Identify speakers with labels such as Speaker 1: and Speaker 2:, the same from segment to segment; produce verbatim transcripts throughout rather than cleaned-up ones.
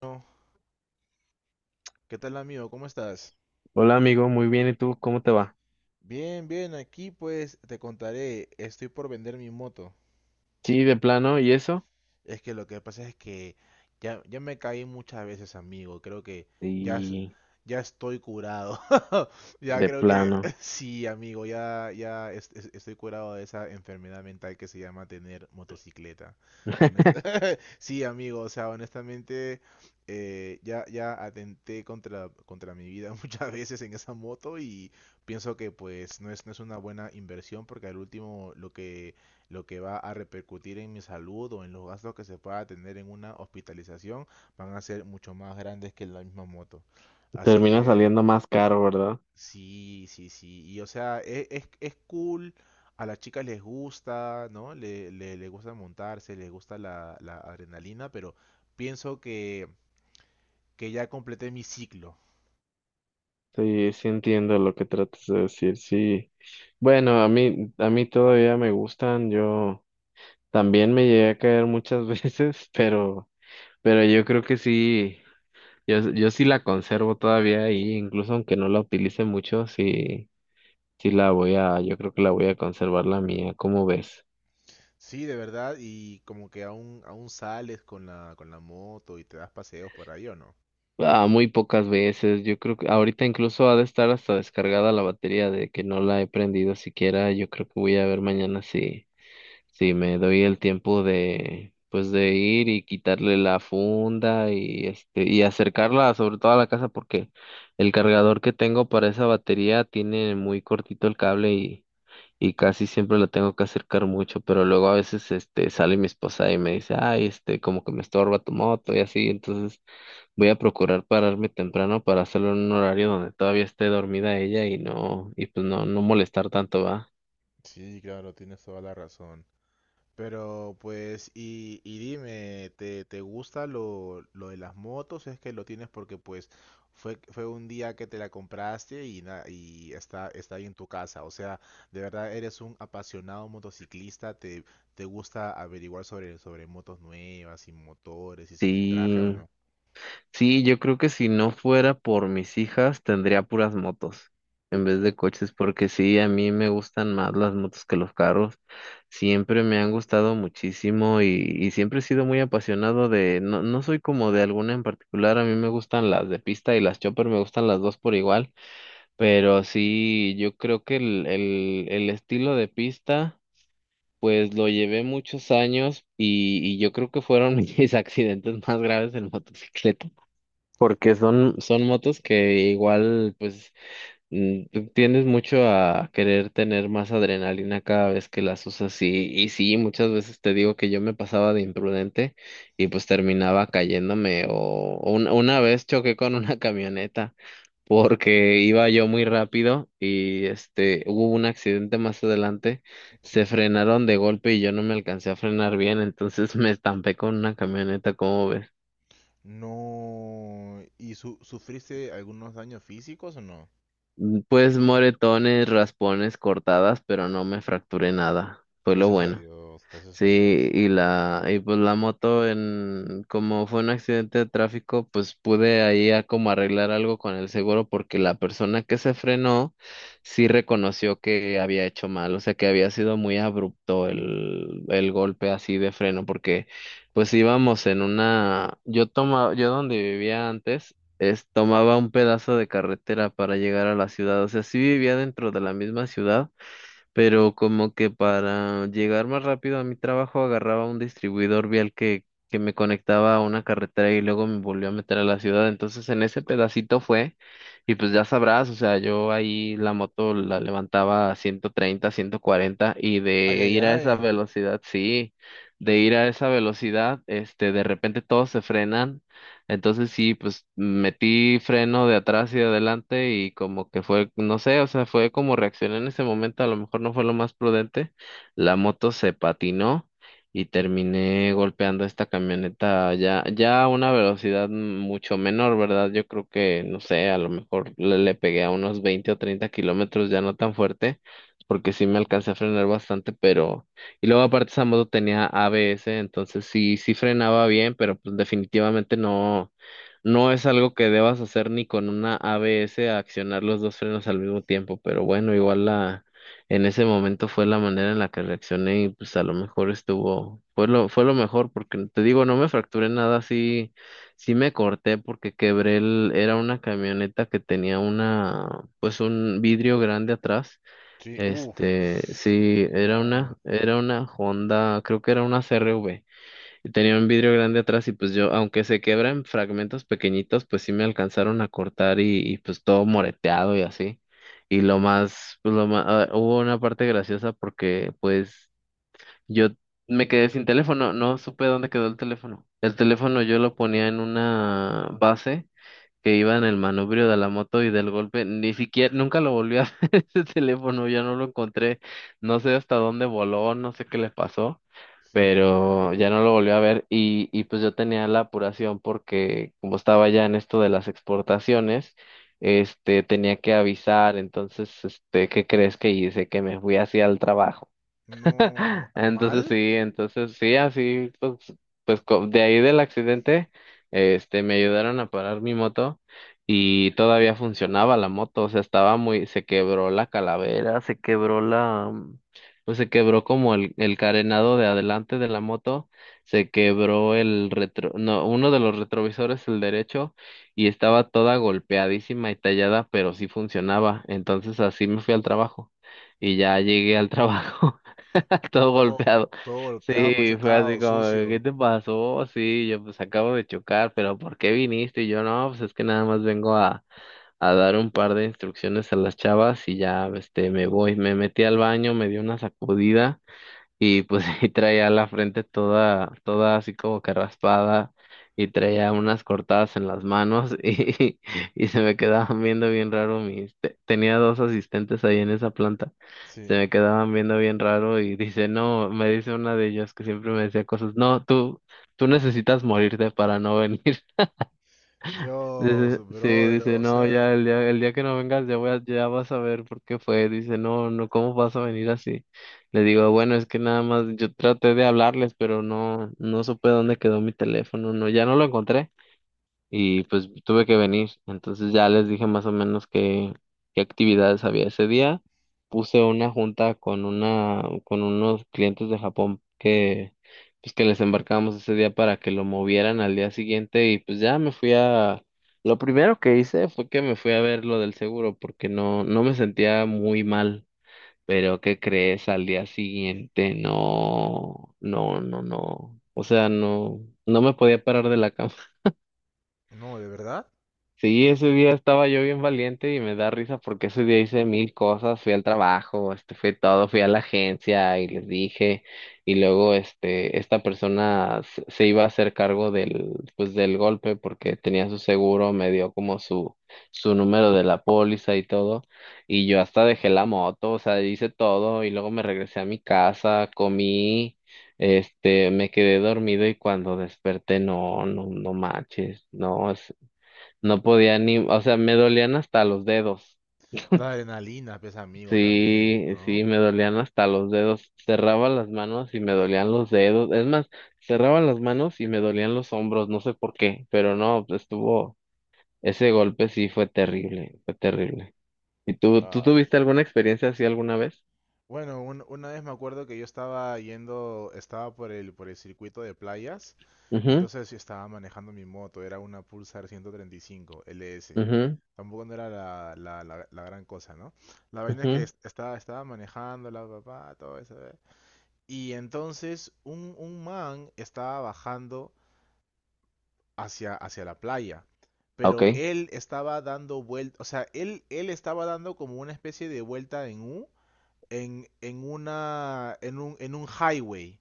Speaker 1: Bueno, ¿qué tal amigo? ¿Cómo estás?
Speaker 2: Hola amigo, muy bien, ¿y tú? ¿Cómo te va?
Speaker 1: Bien, bien, aquí pues te contaré, estoy por vender mi moto.
Speaker 2: Sí, de plano, ¿y eso?
Speaker 1: Es que lo que pasa es que ya, ya me caí muchas veces, amigo. Creo que ya, es-
Speaker 2: Sí,
Speaker 1: ya estoy curado. Ya
Speaker 2: de
Speaker 1: creo que
Speaker 2: plano.
Speaker 1: sí, amigo. Ya, ya es- es- estoy curado de esa enfermedad mental que se llama tener motocicleta. Honest- Sí, amigo. O sea, honestamente, eh, ya, ya atenté contra, contra mi vida muchas veces en esa moto y pienso que pues no es, no es una buena inversión porque al último lo que lo que va a repercutir en mi salud o en los gastos que se pueda tener en una hospitalización van a ser mucho más grandes que la misma moto. Así
Speaker 2: Termina
Speaker 1: que
Speaker 2: saliendo más caro, ¿verdad?
Speaker 1: sí, sí, sí. Y o sea, e- es, es cool. A las chicas les gusta, ¿no? Le, le, le gusta montarse, les gusta la, la adrenalina, pero pienso que, que ya completé mi ciclo.
Speaker 2: Sí, sí entiendo lo que tratas de decir, sí. Bueno, a mí, a mí todavía me gustan, yo también me llegué a caer muchas veces, pero, pero yo creo que sí, yo, yo sí la conservo todavía y incluso aunque no la utilice mucho, sí, sí la voy a, yo creo que la voy a conservar la mía, ¿cómo ves?
Speaker 1: Sí, de verdad, y como que aún, aún sales con la, con la moto y te das paseos por ahí, ¿o no?
Speaker 2: Ah, muy pocas veces. Yo creo que ahorita incluso ha de estar hasta descargada la batería de que no la he prendido siquiera. Yo creo que voy a ver mañana si, si me doy el tiempo de, pues de ir y quitarle la funda y este, y acercarla sobre todo a la casa porque el cargador que tengo para esa batería tiene muy cortito el cable y, y casi siempre lo tengo que acercar mucho, pero luego a veces este sale mi esposa y me dice, ay, este, como que me estorba tu moto y así. Entonces voy a procurar pararme temprano para hacerlo en un horario donde todavía esté dormida ella y no, y pues no, no molestar tanto, ¿va?
Speaker 1: Sí, claro, tienes toda la razón. Pero pues, y, y dime, ¿te, te gusta lo, lo de las motos? Es que lo tienes porque pues fue, fue un día que te la compraste y, na- y está, está ahí en tu casa. O sea, de verdad eres un apasionado motociclista, ¿te, te gusta averiguar sobre, sobre motos nuevas y motores y cilindraje o
Speaker 2: Sí,
Speaker 1: no?
Speaker 2: sí, yo creo que si no fuera por mis hijas, tendría puras motos en vez
Speaker 1: Eh,
Speaker 2: de coches, porque sí, a mí me gustan más las motos que los carros. Siempre me han gustado muchísimo y, y siempre he sido muy apasionado de, no, no soy como de alguna en particular, a mí me gustan las de pista y las chopper, me gustan las dos por igual. Pero sí, yo creo que el, el, el estilo de pista, pues lo llevé muchos años y, y yo creo que fueron mis accidentes más graves en motocicleta, porque son, son motos que igual, pues, mm, tú tiendes mucho a querer tener más adrenalina cada vez que las usas y, y sí, muchas veces te digo que yo me pasaba de imprudente y pues terminaba cayéndome o o una una vez choqué con una camioneta porque iba yo muy rápido y este hubo un accidente más adelante, se
Speaker 1: sí.
Speaker 2: frenaron de golpe y yo no me alcancé a frenar bien, entonces me estampé con una camioneta, ¿cómo ves?
Speaker 1: No. ¿Y su- sufriste algunos daños físicos o no?
Speaker 2: Mm, Pues moretones, raspones, cortadas, pero no me fracturé nada, fue lo
Speaker 1: Gracias a
Speaker 2: bueno.
Speaker 1: Dios, gracias a
Speaker 2: Sí,
Speaker 1: Dios.
Speaker 2: y la, y pues la moto en, como fue un accidente de tráfico, pues pude ahí a como arreglar algo con el seguro porque la persona que se frenó sí reconoció que había hecho mal, o sea que había sido muy abrupto el, el golpe así de freno porque pues íbamos en una, yo tomaba, yo donde vivía antes, es, tomaba un pedazo de carretera para llegar a la ciudad, o sea sí vivía dentro de la misma ciudad pero como que para llegar más rápido a mi trabajo agarraba un distribuidor vial que, que me conectaba a una carretera y luego me volvió a meter a la ciudad. Entonces en ese pedacito fue, y pues ya sabrás, o sea, yo ahí la moto la levantaba a ciento treinta, ciento cuarenta y
Speaker 1: Ay,
Speaker 2: de
Speaker 1: ay,
Speaker 2: ir a esa
Speaker 1: ay.
Speaker 2: velocidad, sí, de ir a esa velocidad, este, de repente todos se frenan, entonces sí, pues metí freno de atrás y de adelante y como que fue, no sé, o sea, fue como reaccioné en ese momento, a lo mejor no fue lo más prudente. La moto se patinó y terminé golpeando esta camioneta ya, ya a una velocidad mucho menor, ¿verdad? Yo creo que, no sé, a lo mejor le, le pegué a unos veinte o treinta kilómetros, ya no tan fuerte, porque sí me alcancé a frenar bastante. Pero y luego aparte esa moto tenía A B S, entonces sí, sí frenaba bien, pero pues definitivamente no, no es algo que debas hacer ni con una A B S, accionar los dos frenos al mismo tiempo. Pero bueno, igual la, en ese momento fue la manera en la que reaccioné y pues a lo mejor estuvo, fue lo, fue lo mejor, porque te digo, no me fracturé nada, sí, sí me corté porque quebré el, era una, camioneta que tenía una, pues un vidrio grande atrás,
Speaker 1: Sí,
Speaker 2: este,
Speaker 1: uff.
Speaker 2: sí, era
Speaker 1: No,
Speaker 2: una, era una Honda, creo que era una C R V, y tenía un vidrio grande atrás y pues yo, aunque se quebra en fragmentos pequeñitos, pues sí me alcanzaron a cortar y, y, pues todo moreteado y así. Y lo más, pues lo más, ah, hubo una parte graciosa porque pues yo me quedé sin teléfono, no supe dónde quedó el teléfono. El teléfono yo lo ponía en una base que iba en el manubrio de la moto y del golpe, ni siquiera, nunca lo volví a ver ese teléfono, ya no lo encontré, no sé hasta dónde voló, no sé qué le pasó,
Speaker 1: sí.
Speaker 2: pero ya no lo volví a ver y, y pues yo tenía la apuración porque como estaba ya en esto de las exportaciones, este, tenía que avisar. Entonces, este, ¿qué crees que hice? Que me fui hacia el trabajo.
Speaker 1: No,
Speaker 2: Entonces
Speaker 1: mal.
Speaker 2: sí, entonces sí, así, pues, pues co- de ahí del accidente, este, me ayudaron a parar mi moto y todavía funcionaba la moto, o sea, estaba muy, se quebró la calavera, se quebró la, mm, pues se quebró como el, el carenado de adelante de la moto, se quebró el retro, no, uno de los retrovisores, el derecho, y estaba toda golpeadísima y tallada, pero sí funcionaba, entonces así me fui al trabajo y ya llegué al trabajo. todo
Speaker 1: Todo,
Speaker 2: golpeado.
Speaker 1: todo golpeado,
Speaker 2: Sí, fue así
Speaker 1: machucado,
Speaker 2: como, ¿qué
Speaker 1: sucio.
Speaker 2: te pasó? Sí, yo pues acabo de chocar, pero ¿por qué viniste? Y yo no, pues es que nada más vengo a, a dar un par de instrucciones a las chavas y ya, este, me voy. Me metí al baño, me dio una sacudida y pues y traía la frente toda, toda así como que raspada y traía unas cortadas en las manos y, y se me quedaban viendo bien raro mis, te- tenía dos asistentes ahí en esa planta, se
Speaker 1: Sí.
Speaker 2: me quedaban viendo bien raro y dice, no, me dice una de ellas que siempre me decía cosas, no, tú, tú necesitas morirte para no venir.
Speaker 1: Dios,
Speaker 2: Dice- sí,
Speaker 1: brother,
Speaker 2: dice,
Speaker 1: o
Speaker 2: no,
Speaker 1: sea,
Speaker 2: ya el día, el día que no vengas ya voy a- ya vas a ver por qué fue. Dice, no, no, ¿cómo vas a venir así? Le digo, bueno, es que nada más yo traté de hablarles, pero no, no supe dónde quedó mi teléfono, no, ya no lo encontré y pues tuve que venir. Entonces ya les dije más o menos qué, qué, actividades había ese día. Puse una junta con una, con unos clientes de Japón que, pues que les embarcamos ese día para que lo movieran al día siguiente y pues ya me fui a, lo primero que hice fue que me fui a ver lo del seguro porque no, no me sentía muy mal. Pero ¿qué crees? Al día siguiente, no, no, no, no. O sea, no, no me podía parar de la cama.
Speaker 1: no, de verdad.
Speaker 2: Sí, ese día estaba yo bien valiente y me da risa porque ese día hice mil cosas, fui al trabajo, este, fui todo, fui a la agencia y les dije, y luego este, esta persona se se iba a hacer cargo del, pues del golpe porque tenía su seguro, me dio como su, su número de la póliza y todo, y yo hasta dejé la moto, o sea, hice todo, y luego me regresé a mi casa, comí, este, me quedé dormido y cuando desperté, no, no, no manches, no, no podía ni, o sea, me dolían hasta los dedos.
Speaker 1: La adrenalina, pesa amigo, también,
Speaker 2: Sí,
Speaker 1: ¿no?
Speaker 2: sí, me dolían hasta los dedos. Cerraba las manos y me dolían los dedos. Es más, cerraba las manos y me dolían los hombros, no sé por qué, pero no, pues, estuvo, ese golpe sí fue terrible, fue terrible. ¿Y tú, tú tuviste alguna experiencia así alguna vez?
Speaker 1: Bueno, un- una vez me acuerdo que yo estaba yendo, estaba por el, por el circuito de playas, y
Speaker 2: Mhm,
Speaker 1: entonces yo estaba manejando mi moto, era una Pulsar ciento treinta y cinco L S.
Speaker 2: mhm,
Speaker 1: Tampoco no era la, la, la- la gran cosa, ¿no? La vaina es que
Speaker 2: mhm.
Speaker 1: es- estaba, estaba manejando la papá, todo eso. ¿Eh? Y entonces un, un man estaba bajando hacia, hacia la playa, pero
Speaker 2: Okay.
Speaker 1: él estaba dando vuelta, o sea, él, él estaba dando como una especie de vuelta en U en, en, una, en, un, en un highway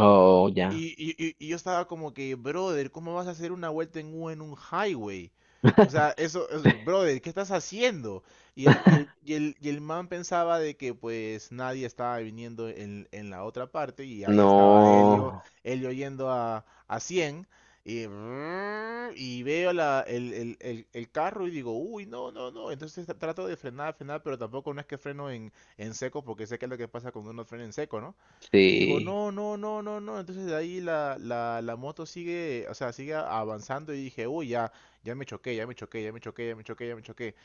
Speaker 2: Oh, ya.
Speaker 1: y, y- y- y yo estaba como que, brother, ¿cómo vas a hacer una vuelta en U en un highway? O sea, eso, es- brother, ¿qué estás haciendo? Y el, y el, y el, y el man pensaba de que pues nadie estaba viniendo en, en la otra parte y ahí
Speaker 2: No,
Speaker 1: estaba Helio, Helio yendo a, a cien y, brrr, y veo la, el, el, el, el carro y digo, uy, no, no, no. Entonces tra- trato de frenar, frenar, pero tampoco no es que freno en, en seco porque sé que es lo que pasa cuando uno frena en seco, ¿no? Y digo,
Speaker 2: sí.
Speaker 1: no, no, no, no, no. Entonces de ahí la, la, la moto sigue, o sea, sigue avanzando y dije, uy, ya, ya me choqué, ya me choqué, ya me choqué, ya me choqué, ya me choqué.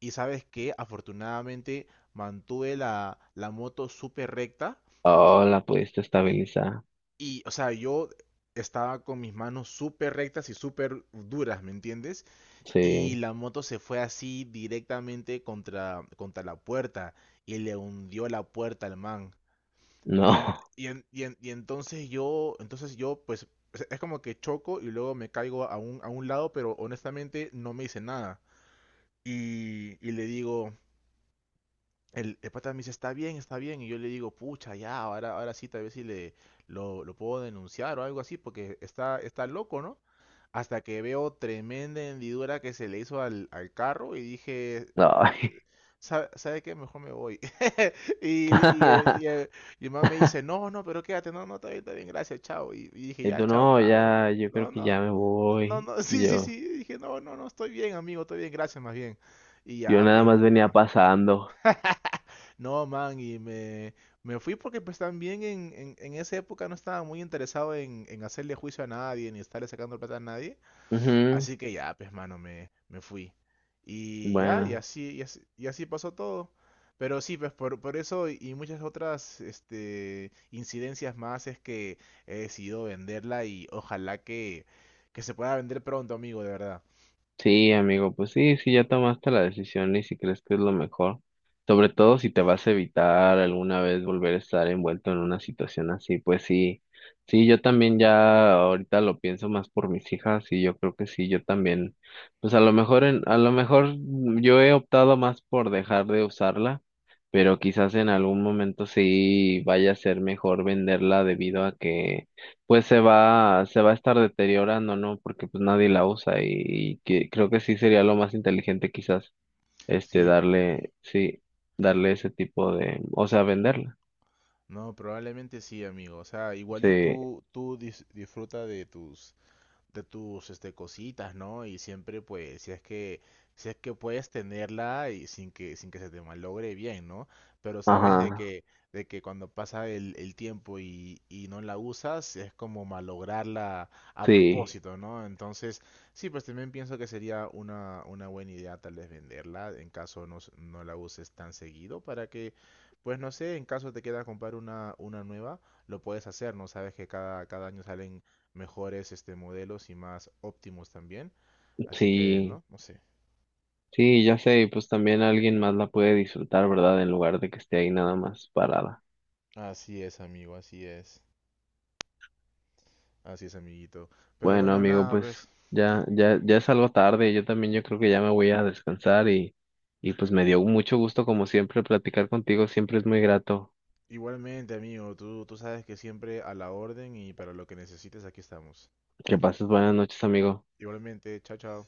Speaker 1: Y sabes qué, afortunadamente mantuve la, la moto súper recta
Speaker 2: Oh, la pudiste estabilizar.
Speaker 1: y, o sea, yo estaba con mis manos súper rectas y súper duras, ¿me entiendes? Y
Speaker 2: Sí.
Speaker 1: la moto se fue así directamente contra, contra la puerta y le hundió la puerta al man.
Speaker 2: No,
Speaker 1: Y, en- y, en- y, en- y entonces yo, entonces yo, pues, es es como que choco y luego me caigo a un, a un lado, pero honestamente no me hice nada. Y, y le digo, el, el pata me dice, está bien, está bien. Y yo le digo, pucha, ya, ahora, ahora sí, tal vez sí le, lo, lo puedo denunciar o algo así, porque está, está loco, ¿no? Hasta que veo tremenda hendidura que se le hizo al, al carro y dije,
Speaker 2: no.
Speaker 1: eh, ¿sabe, sabe qué? Mejor me voy. Y, y, el- y, el- y el man me dice, no, no, pero quédate, no, no, está bien, está bien, gracias, chao. Y, y dije, ya,
Speaker 2: Entonces
Speaker 1: chao,
Speaker 2: no,
Speaker 1: pa. Me fue.
Speaker 2: ya, yo
Speaker 1: No,
Speaker 2: creo que
Speaker 1: no,
Speaker 2: ya me
Speaker 1: no,
Speaker 2: voy.
Speaker 1: no, sí, sí, sí.
Speaker 2: Yo,
Speaker 1: Y dije, no, no, no, estoy bien, amigo, estoy bien, gracias, más bien. Y
Speaker 2: yo
Speaker 1: ya,
Speaker 2: nada
Speaker 1: pues,
Speaker 2: más
Speaker 1: me
Speaker 2: venía
Speaker 1: fui.
Speaker 2: pasando.
Speaker 1: No, man, y me, me fui porque pues también en, en, en esa época no estaba muy interesado en, en hacerle juicio a nadie, ni estarle sacando plata a nadie.
Speaker 2: Ujú.
Speaker 1: Así que ya, pues mano, me, me fui. Y ya, y
Speaker 2: Bueno.
Speaker 1: así, y así, y así pasó todo. Pero sí, pues por, por eso y y muchas otras este, incidencias más es que he decidido venderla y ojalá que, que se pueda vender pronto, amigo, de verdad.
Speaker 2: Sí, amigo, pues sí, sí, ya tomaste la decisión y si crees que es lo mejor, sobre todo si te vas a evitar alguna vez volver a estar envuelto en una situación así, pues sí, sí, yo también ya ahorita lo pienso más por mis hijas y yo creo que sí, yo también, pues a lo mejor, en, a lo mejor mm, yo he optado más por dejar de usarla, pero quizás en algún momento sí vaya a ser mejor venderla debido a que pues se va, se va a estar deteriorando, ¿no? Porque pues nadie la usa y, y que creo que sí sería lo más inteligente quizás, este,
Speaker 1: Sí,
Speaker 2: darle, sí, darle ese tipo de, o sea, venderla.
Speaker 1: no, probablemente sí, amigo. O sea, igual
Speaker 2: Sí,
Speaker 1: y tú, tú dis- disfruta de tus de tus este cositas, ¿no? Y siempre pues si es que si es que puedes tenerla y sin que sin que se te malogre bien, ¿no? Pero sabes de
Speaker 2: ajá,
Speaker 1: que de que cuando pasa el, el tiempo y, y no la usas es como malograrla a
Speaker 2: sí,
Speaker 1: propósito, ¿no? Entonces, sí, pues también pienso que sería una una buena idea tal vez venderla en caso no s- no la uses tan seguido para que pues no sé, en caso te queda comprar una, una nueva, lo puedes hacer, ¿no? Sabes que cada, cada año salen mejores este modelos y más óptimos también. Así que,
Speaker 2: sí,
Speaker 1: ¿no? No sé.
Speaker 2: sí, ya sé, y pues también alguien más la puede disfrutar, ¿verdad? En lugar de que esté ahí nada más parada.
Speaker 1: Así es, amigo, así es. Así es, amiguito. Pero
Speaker 2: Bueno,
Speaker 1: bueno,
Speaker 2: amigo,
Speaker 1: nada,
Speaker 2: pues
Speaker 1: pues
Speaker 2: ya, ya, ya es algo tarde, yo también yo creo que ya me voy a descansar y, y pues me dio mucho gusto como siempre platicar contigo, siempre es muy grato.
Speaker 1: igualmente, amigo, tú, tú sabes que siempre a la orden y para lo que necesites aquí estamos.
Speaker 2: Que pases buenas noches, amigo.
Speaker 1: Igualmente, chao, chao.